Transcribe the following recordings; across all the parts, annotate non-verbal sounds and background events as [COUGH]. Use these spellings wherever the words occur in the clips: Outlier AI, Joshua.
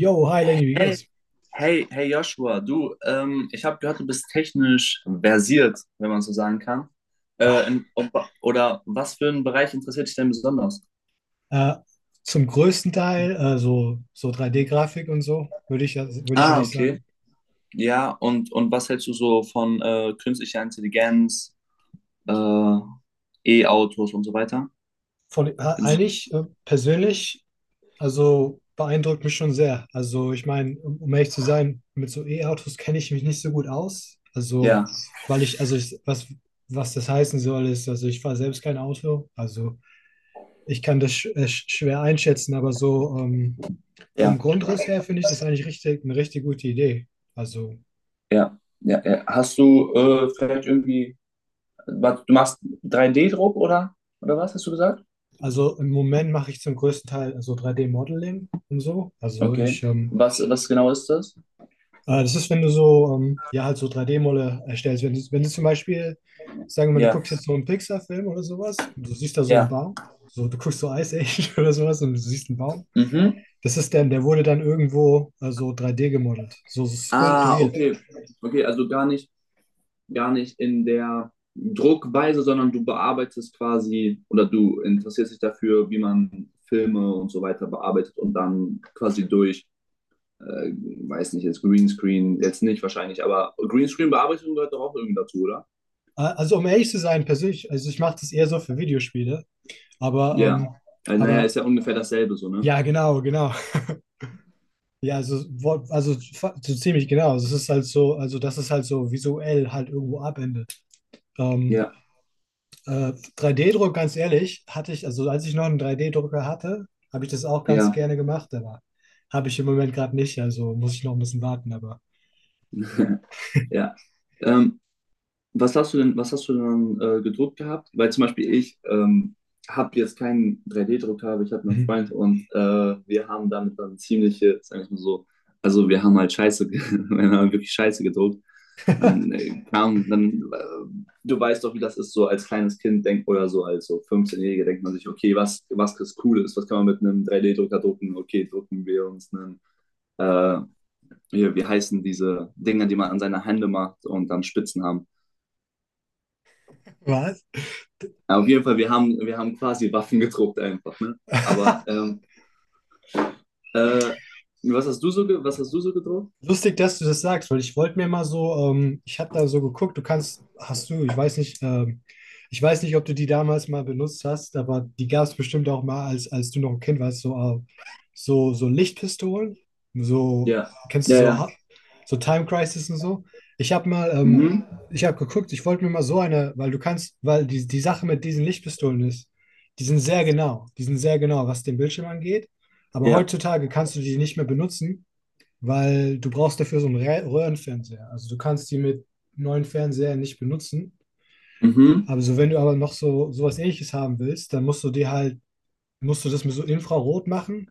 Yo, hi Lenny, wie Hey, geht's? hey Joshua, du, ich habe gehört, du bist technisch versiert, wenn man so sagen kann. Äh, Ah, in, ob, oder was für einen Bereich interessiert dich denn besonders? Äh, Zum größten Teil so 3D-Grafik und so, würde ich, würde ich Ah, eigentlich okay. sagen. Ja, und was hältst du so von künstlicher Intelligenz, äh, E-Autos und so weiter? Von, äh, Eigentlich persönlich, also beeindruckt mich schon sehr. Also ich meine, um ehrlich zu sein, mit so E-Autos kenne ich mich nicht so gut aus. Ja, Also, weil ich, also ich, was, was das heißen soll, ist, also ich fahre selbst kein Auto. Also ich kann das schwer einschätzen, aber so vom ja, Grundriss her finde ich das eigentlich eine richtig gute Idee. Also. ja, ja, ja. Hast du du machst 3D-Druck oder was hast du gesagt? Also im Moment mache ich zum größten Teil so drei d modeling und so. Okay. Was genau ist das? Das ist, wenn du so, halt so drei d modelle erstellst. Wenn du zum Beispiel, sagen wir mal, du Ja, guckst jetzt so einen Pixar-Film oder sowas und du siehst da so einen ja. Baum, so, du guckst so Ice Age [LAUGHS] oder sowas und du siehst einen Baum. Mhm. Das ist dann, der wurde dann irgendwo so drei d gemodelt, so so Ah, skulpturiert. okay. Okay, also gar nicht in der Druckweise, sondern du bearbeitest quasi oder du interessierst dich dafür, wie man Filme und so weiter bearbeitet und dann quasi äh, weiß nicht, jetzt Greenscreen, jetzt nicht wahrscheinlich, aber Greenscreen-Bearbeitung gehört doch auch irgendwie dazu, oder? Also um ehrlich zu sein, persönlich, also ich mache das eher so für Videospiele, aber, Ja. ähm, Also, naja, aber ist ja ungefähr dasselbe so, ne? ja, genau, genau. [LAUGHS] Ja, also, so ziemlich genau. Also, es ist halt so, also das ist halt so visuell halt irgendwo abendet. Ähm, Ja, 3D-Druck, ganz ehrlich, hatte ich, also als ich noch einen 3D-Drucker hatte, habe ich das auch ganz ja, gerne gemacht, aber habe ich im Moment gerade nicht, also muss ich noch ein bisschen warten, aber. [LAUGHS] ja. Ähm, was hast du denn gedruckt gehabt? Weil zum Beispiel ich habe jetzt keinen 3D-Drucker, aber ich habe einen Mhm. Freund und wir haben damit dann ziemliche, sag ich mal so, also wir haben halt [LAUGHS] wir haben halt wirklich Scheiße gedruckt. Dann, [LAUGHS] kam, dann Du weißt doch, wie das ist, so als kleines Kind denkt oder so als so 15-Jähriger denkt man sich, okay, was ist cool ist, was kann man mit einem 3D-Drucker drucken? Okay, drucken wir uns einen, äh, hier, wie heißen diese Dinger, die man an seine Hände macht und dann Spitzen haben. Was? Ja, auf jeden Fall, wir haben quasi Waffen gedruckt einfach, ne? Aber äh, was hast du so gedruckt? Lustig, dass du das sagst, weil ich wollte mir mal so, ich habe da so geguckt, du kannst, hast du, ich weiß nicht, ob du die damals mal benutzt hast, aber die gab es bestimmt auch mal, als du noch ein Kind warst, so, so Lichtpistolen, so, Ja. kennst du Ja, so, ja. Ha- so Time Crisis und so. Ich habe mal, ähm, Mhm. Ich habe geguckt, ich wollte mir mal so eine, weil du kannst, die Sache mit diesen Lichtpistolen ist, die sind sehr genau, was den Bildschirm angeht, aber Ja. heutzutage kannst du die nicht mehr benutzen, weil du brauchst dafür so einen Röhrenfernseher. Also du kannst die mit neuen Fernsehern nicht benutzen. Mhm. Aber so, wenn du aber noch so sowas Ähnliches haben willst, dann musst du das mit so Infrarot machen.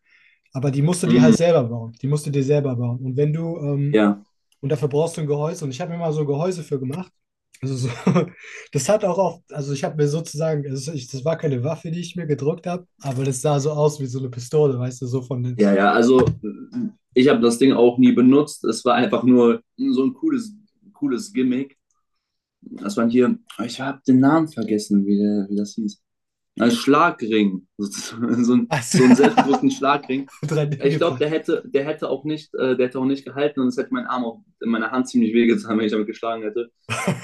Aber die musst du dir halt Mhm. selber bauen. Die musst du dir selber bauen. Und wenn du, Ja. und dafür brauchst du ein Gehäuse. Und ich habe mir mal so ein Gehäuse für gemacht. Also so, [LAUGHS] das hat auch oft, also ich habe mir sozusagen, also ich, das war keine Waffe, die ich mir gedruckt habe, aber das sah so aus wie so eine Pistole, weißt du, so von den, Ja, ja. Also ich habe das Ding auch nie benutzt. Es war einfach nur so ein cooles Gimmick. Das waren hier, ich habe den Namen vergessen, wie das hieß. Ein Schlagring, [LAUGHS] so [LAUGHS] ein, also, so einen [LAUGHS] selbstgedruckten Schlagring. 3D Ich glaube, gedrückt. Der hätte auch nicht gehalten und es hätte mein Arm auch in meiner Hand ziemlich wehgetan, wenn ich damit geschlagen hätte.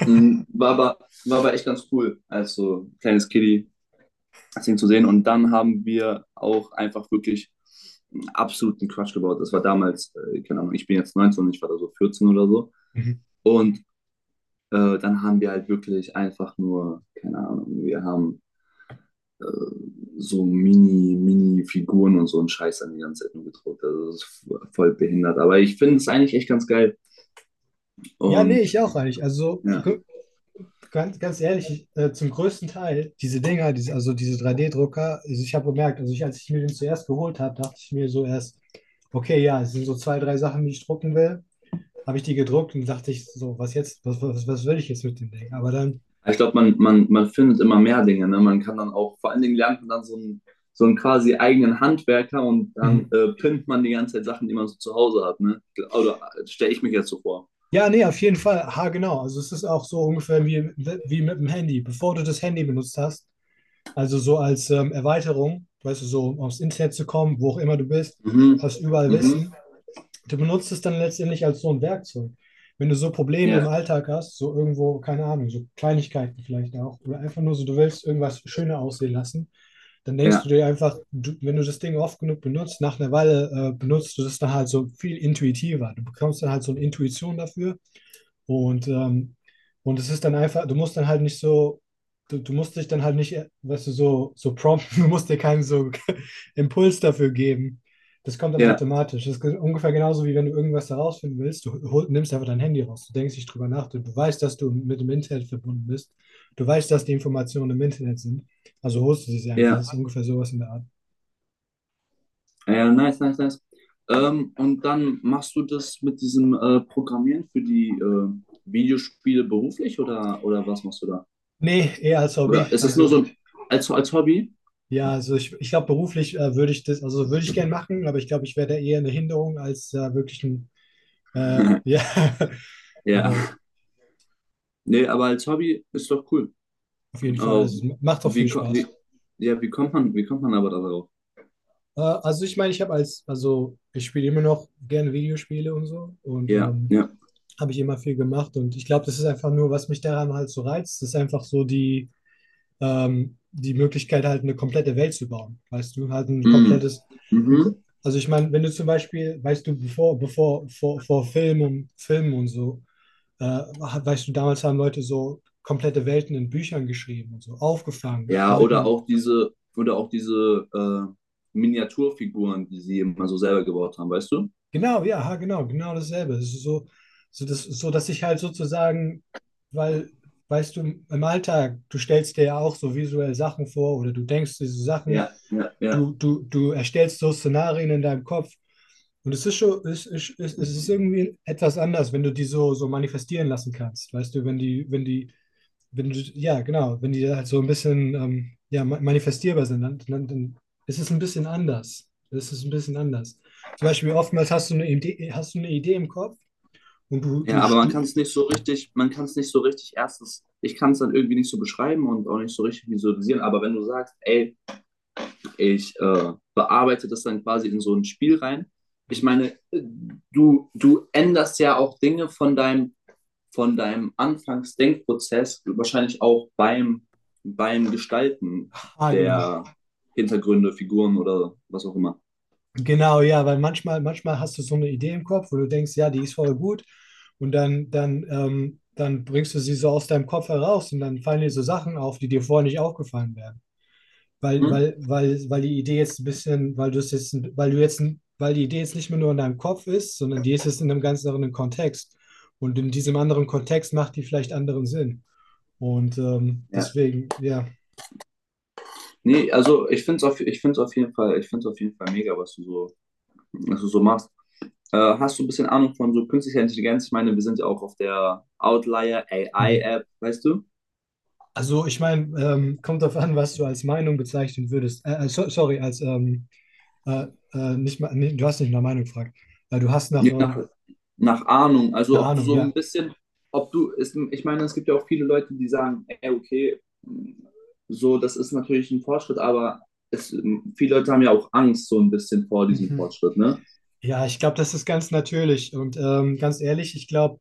Mhm. War aber echt ganz cool, als so kleines Kiddie das Ding zu sehen. Und dann haben wir auch einfach wirklich einen absoluten Quatsch gebaut. Das war damals, keine Ahnung, ich bin jetzt 19, und ich war da so 14 oder so. Mhm. Und dann haben wir halt wirklich einfach nur, keine Ahnung, wir haben äh, so Mini-Figuren und so einen Scheiß an die ganze Zeit nur gedruckt. Also das ist voll behindert. Aber ich finde es eigentlich echt ganz geil. Ja, nee, Und ich auch eigentlich. Ja, Ganz, ganz ehrlich, ich, zum größten Teil, also diese drei d drucker, ich habe gemerkt, also ich, als ich mir den zuerst geholt habe, dachte ich mir so erst, okay, ja, es sind so zwei, drei Sachen, die ich drucken will. Habe ich die gedruckt und dachte ich so, was jetzt, was will ich jetzt mit dem Ding? Aber dann, ich glaube, man findet immer mehr Dinge. Ne? Man kann dann auch, vor allen Dingen lernt man dann so einen quasi eigenen Handwerker und dann mhm, pimpt man die ganze Zeit Sachen, die man so zu Hause hat. Ne? Oder stelle ich mich jetzt so vor. ja, nee, auf jeden Fall, ha, genau. Also es ist auch so ungefähr wie, wie mit dem Handy. Bevor du das Handy benutzt hast, also so als Erweiterung, weißt du, so um aufs Internet zu kommen, wo auch immer du bist, Mhm. hast überall Mhm. Wissen. Du benutzt es dann letztendlich als so ein Werkzeug. Wenn du so Probleme im Ja, Alltag hast, so irgendwo, keine Ahnung, so Kleinigkeiten vielleicht auch, oder einfach nur so, du willst irgendwas schöner aussehen lassen, dann denkst du ja, dir einfach, du, wenn du das Ding oft genug benutzt, nach einer Weile benutzt du das dann halt so viel intuitiver. Du bekommst dann halt so eine Intuition dafür und, ähm, und es ist dann einfach, du musst dann halt nicht so, du musst dich dann halt nicht, weißt du, so prompten, [LAUGHS] du musst dir keinen so [LAUGHS] Impuls dafür geben. Das kommt dann ja, automatisch. Das ist ungefähr genauso, wie wenn du irgendwas herausfinden willst, nimmst einfach dein Handy raus, du denkst nicht drüber nach, du weißt, dass du mit dem Internet verbunden bist, du weißt, dass die Informationen im Internet sind, also holst du sie einfach. ja. Das ist ungefähr sowas in der Art. Ja, ja, nice, nice, nice. Und dann machst du das mit diesem Programmieren für die Videospiele beruflich oder was machst du da? Nee, eher als Oder Hobby. ist das nur Also so ein, als Hobby? ja, also ich glaube, beruflich würde ich das, also würde ich gern machen, aber ich glaube, ich wäre da eher eine Hinderung als wirklich ein, [LAUGHS] ja, [LAUGHS] Ja. aber Nee, aber als Hobby ist doch cool. auf jeden Fall, Aber also macht doch wie, viel ko- wie, Spaß. ja, wie kommt man aber darauf? Also ich meine, also ich spiele immer noch gerne Videospiele und so und Ja, ja. habe ich immer viel gemacht und ich glaube, das ist einfach nur, was mich daran halt so reizt, das ist einfach so die, die Möglichkeit, halt eine komplette Welt zu bauen. Weißt du, halt ein Mm. komplettes, Mhm. Also ich meine, wenn du zum Beispiel, weißt du, vor Film und Filmen und so, weißt du, damals haben Leute so komplette Welten in Büchern geschrieben und so, aufgefangen, Ja, damit man, oder auch diese Miniaturfiguren, die sie eben mal so selber gebaut haben, weißt du? genau, ja, ha, genau, genau dasselbe. Es ist so, so, das, so, Dass ich halt sozusagen, weil, weißt du, im Alltag, du stellst dir ja auch so visuell Sachen vor oder du denkst diese Sachen, Ja, ja. Ja. Du erstellst so Szenarien in deinem Kopf. Und es ist schon, es ist irgendwie etwas anders, wenn du die so, so manifestieren lassen kannst. Weißt du, wenn die, wenn du, ja, genau, wenn die halt so ein bisschen ja, manifestierbar sind, dann ist es ein bisschen anders. Es ist ein bisschen anders. Zum Beispiel oftmals hast du eine Idee, hast du eine Idee im Kopf und Ja, aber man kann es nicht so richtig, erstens, ich kann es dann irgendwie nicht so beschreiben und auch nicht so richtig visualisieren, aber wenn du sagst, ey, ich bearbeite das dann quasi in so ein Spiel rein, ich meine, du änderst ja auch Dinge von deinem Anfangsdenkprozess, wahrscheinlich auch beim, beim Gestalten ah, genau. der Hintergründe, Figuren oder was auch immer. Genau, ja, weil manchmal, manchmal hast du so eine Idee im Kopf, wo du denkst, ja, die ist voll gut und dann bringst du sie so aus deinem Kopf heraus und dann fallen dir so Sachen auf, die dir vorher nicht aufgefallen wären. Mhm. Weil die Idee jetzt ein bisschen, weil du jetzt, weil die Idee jetzt nicht mehr nur in deinem Kopf ist, sondern die ist jetzt in einem ganz anderen Kontext. Und in diesem anderen Kontext macht die vielleicht anderen Sinn. Und Ja. deswegen, ja. Nee, also ich find's auf jeden Fall mega, was du so machst. Hast du ein bisschen Ahnung von so künstlicher Intelligenz? Ich meine, wir sind ja auch auf der Outlier AI Mhm. App, weißt du? Also ich meine, kommt darauf an, was du als Meinung bezeichnen würdest. So, sorry, als Äh, nicht mal, nee, du hast nicht nach Meinung gefragt. Du hast nach, Je nach, nach Ahnung. Also eine ob du Ahnung, so ein ja. bisschen, ob du, ist, ich meine, es gibt ja auch viele Leute, die sagen, ey, okay, so, das ist natürlich ein Fortschritt, aber es, viele Leute haben ja auch Angst so ein bisschen vor diesem Mhm. Fortschritt, ne? Ja, ich glaube, das ist ganz natürlich. Und ganz ehrlich, ich glaube,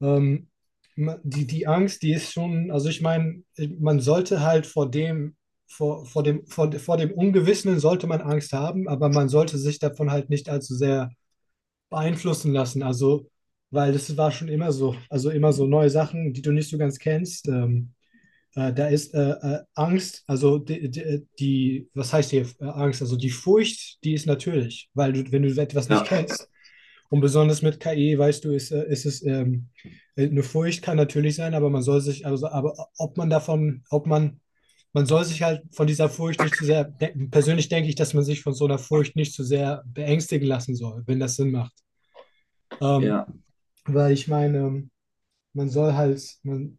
ähm, die, die Angst, die ist schon, also ich meine, man sollte halt vor dem, vor dem Ungewissen sollte man Angst haben, aber man sollte sich davon halt nicht allzu sehr beeinflussen lassen. Also, weil das war schon immer so, also immer so neue Sachen, die du nicht so ganz kennst. Da ist Angst, also die, was heißt hier Angst? Also die Furcht, die ist natürlich, weil du, wenn du etwas nicht Ja, kennst, und besonders mit KI, weißt du, ist, ist es eine Furcht kann natürlich sein, aber man soll sich, also, aber ob man davon, ob man soll sich halt von dieser Furcht nicht zu sehr, de persönlich denke ich, dass man sich von so einer Furcht nicht zu sehr beängstigen lassen soll, wenn das Sinn macht. Ähm, ja, Weil ich meine, man soll halt, man,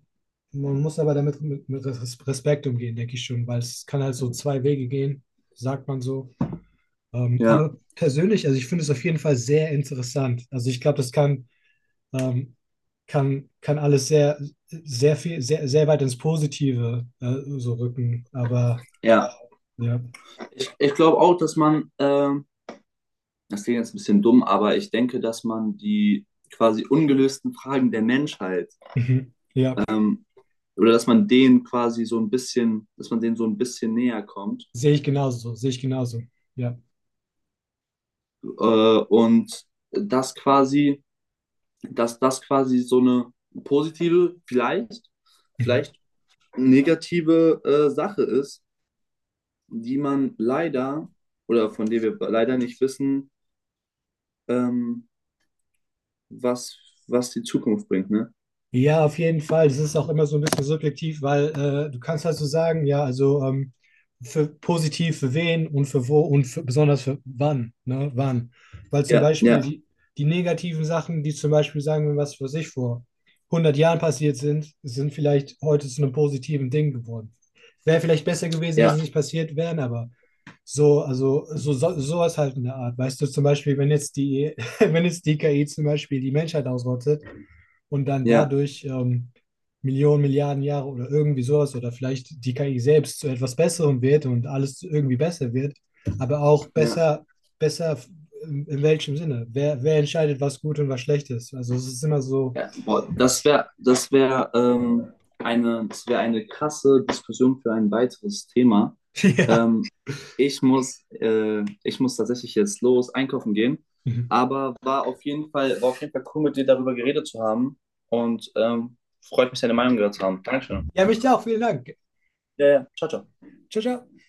man muss aber damit mit Respekt umgehen, denke ich schon, weil es kann halt so zwei Wege gehen, sagt man so. Ja, Aber persönlich, also ich finde es auf jeden Fall sehr interessant. Also ich glaube, ähm, kann alles sehr, sehr viel, sehr, sehr weit ins Positive so rücken. Aber ja. ja, Ich glaube auch, dass man, das klingt jetzt ein bisschen dumm, aber ich denke, dass man die quasi ungelösten Fragen der Menschheit [LAUGHS] mhm, ja, ähm, oder dass man denen quasi so ein bisschen, dass man denen so ein bisschen näher kommt. sehe ich genauso, sehe ich genauso. Ja. Äh, und das quasi, dass das quasi so eine positive, vielleicht, Mhm. vielleicht negative Sache ist, die man leider oder von der wir leider nicht wissen, ähm, was, was die Zukunft bringt, ne? Ja, auf jeden Fall. Das ist auch immer so ein bisschen subjektiv, weil du kannst halt so sagen, ja, also für positiv für wen und für wo und für, besonders für wann, ne, wann. Weil zum Ja, Beispiel die, die negativen Sachen, die zum Beispiel sagen wir was für sich vor 100 Jahren passiert sind, sind vielleicht heute zu einem positiven Ding geworden. Wäre vielleicht besser gewesen, wenn ja, sie nicht passiert wären, aber so, sowas halt in der Art. Weißt du, zum Beispiel, wenn jetzt die, [LAUGHS] wenn jetzt die KI zum Beispiel die Menschheit ausrottet, und dann ja, dadurch Millionen, Milliarden Jahre oder irgendwie sowas oder vielleicht die KI selbst zu etwas Besserem wird und alles irgendwie besser wird, aber auch ja, besser, besser in welchem Sinne? Wer, wer entscheidet, was gut und was schlecht ist? Also es ist immer so, Ja, boah, das wäre das wäre eine krasse Diskussion für ein weiteres Thema. [LAUGHS] ja. Ähm, Ich muss tatsächlich jetzt los einkaufen gehen, aber war auf jeden Fall cool, mit dir darüber geredet zu haben und freut mich, deine Meinung gehört zu haben. Dankeschön. Ja, mich auch. Vielen Dank. Ja, ja. Ciao, ciao. Ciao, ciao.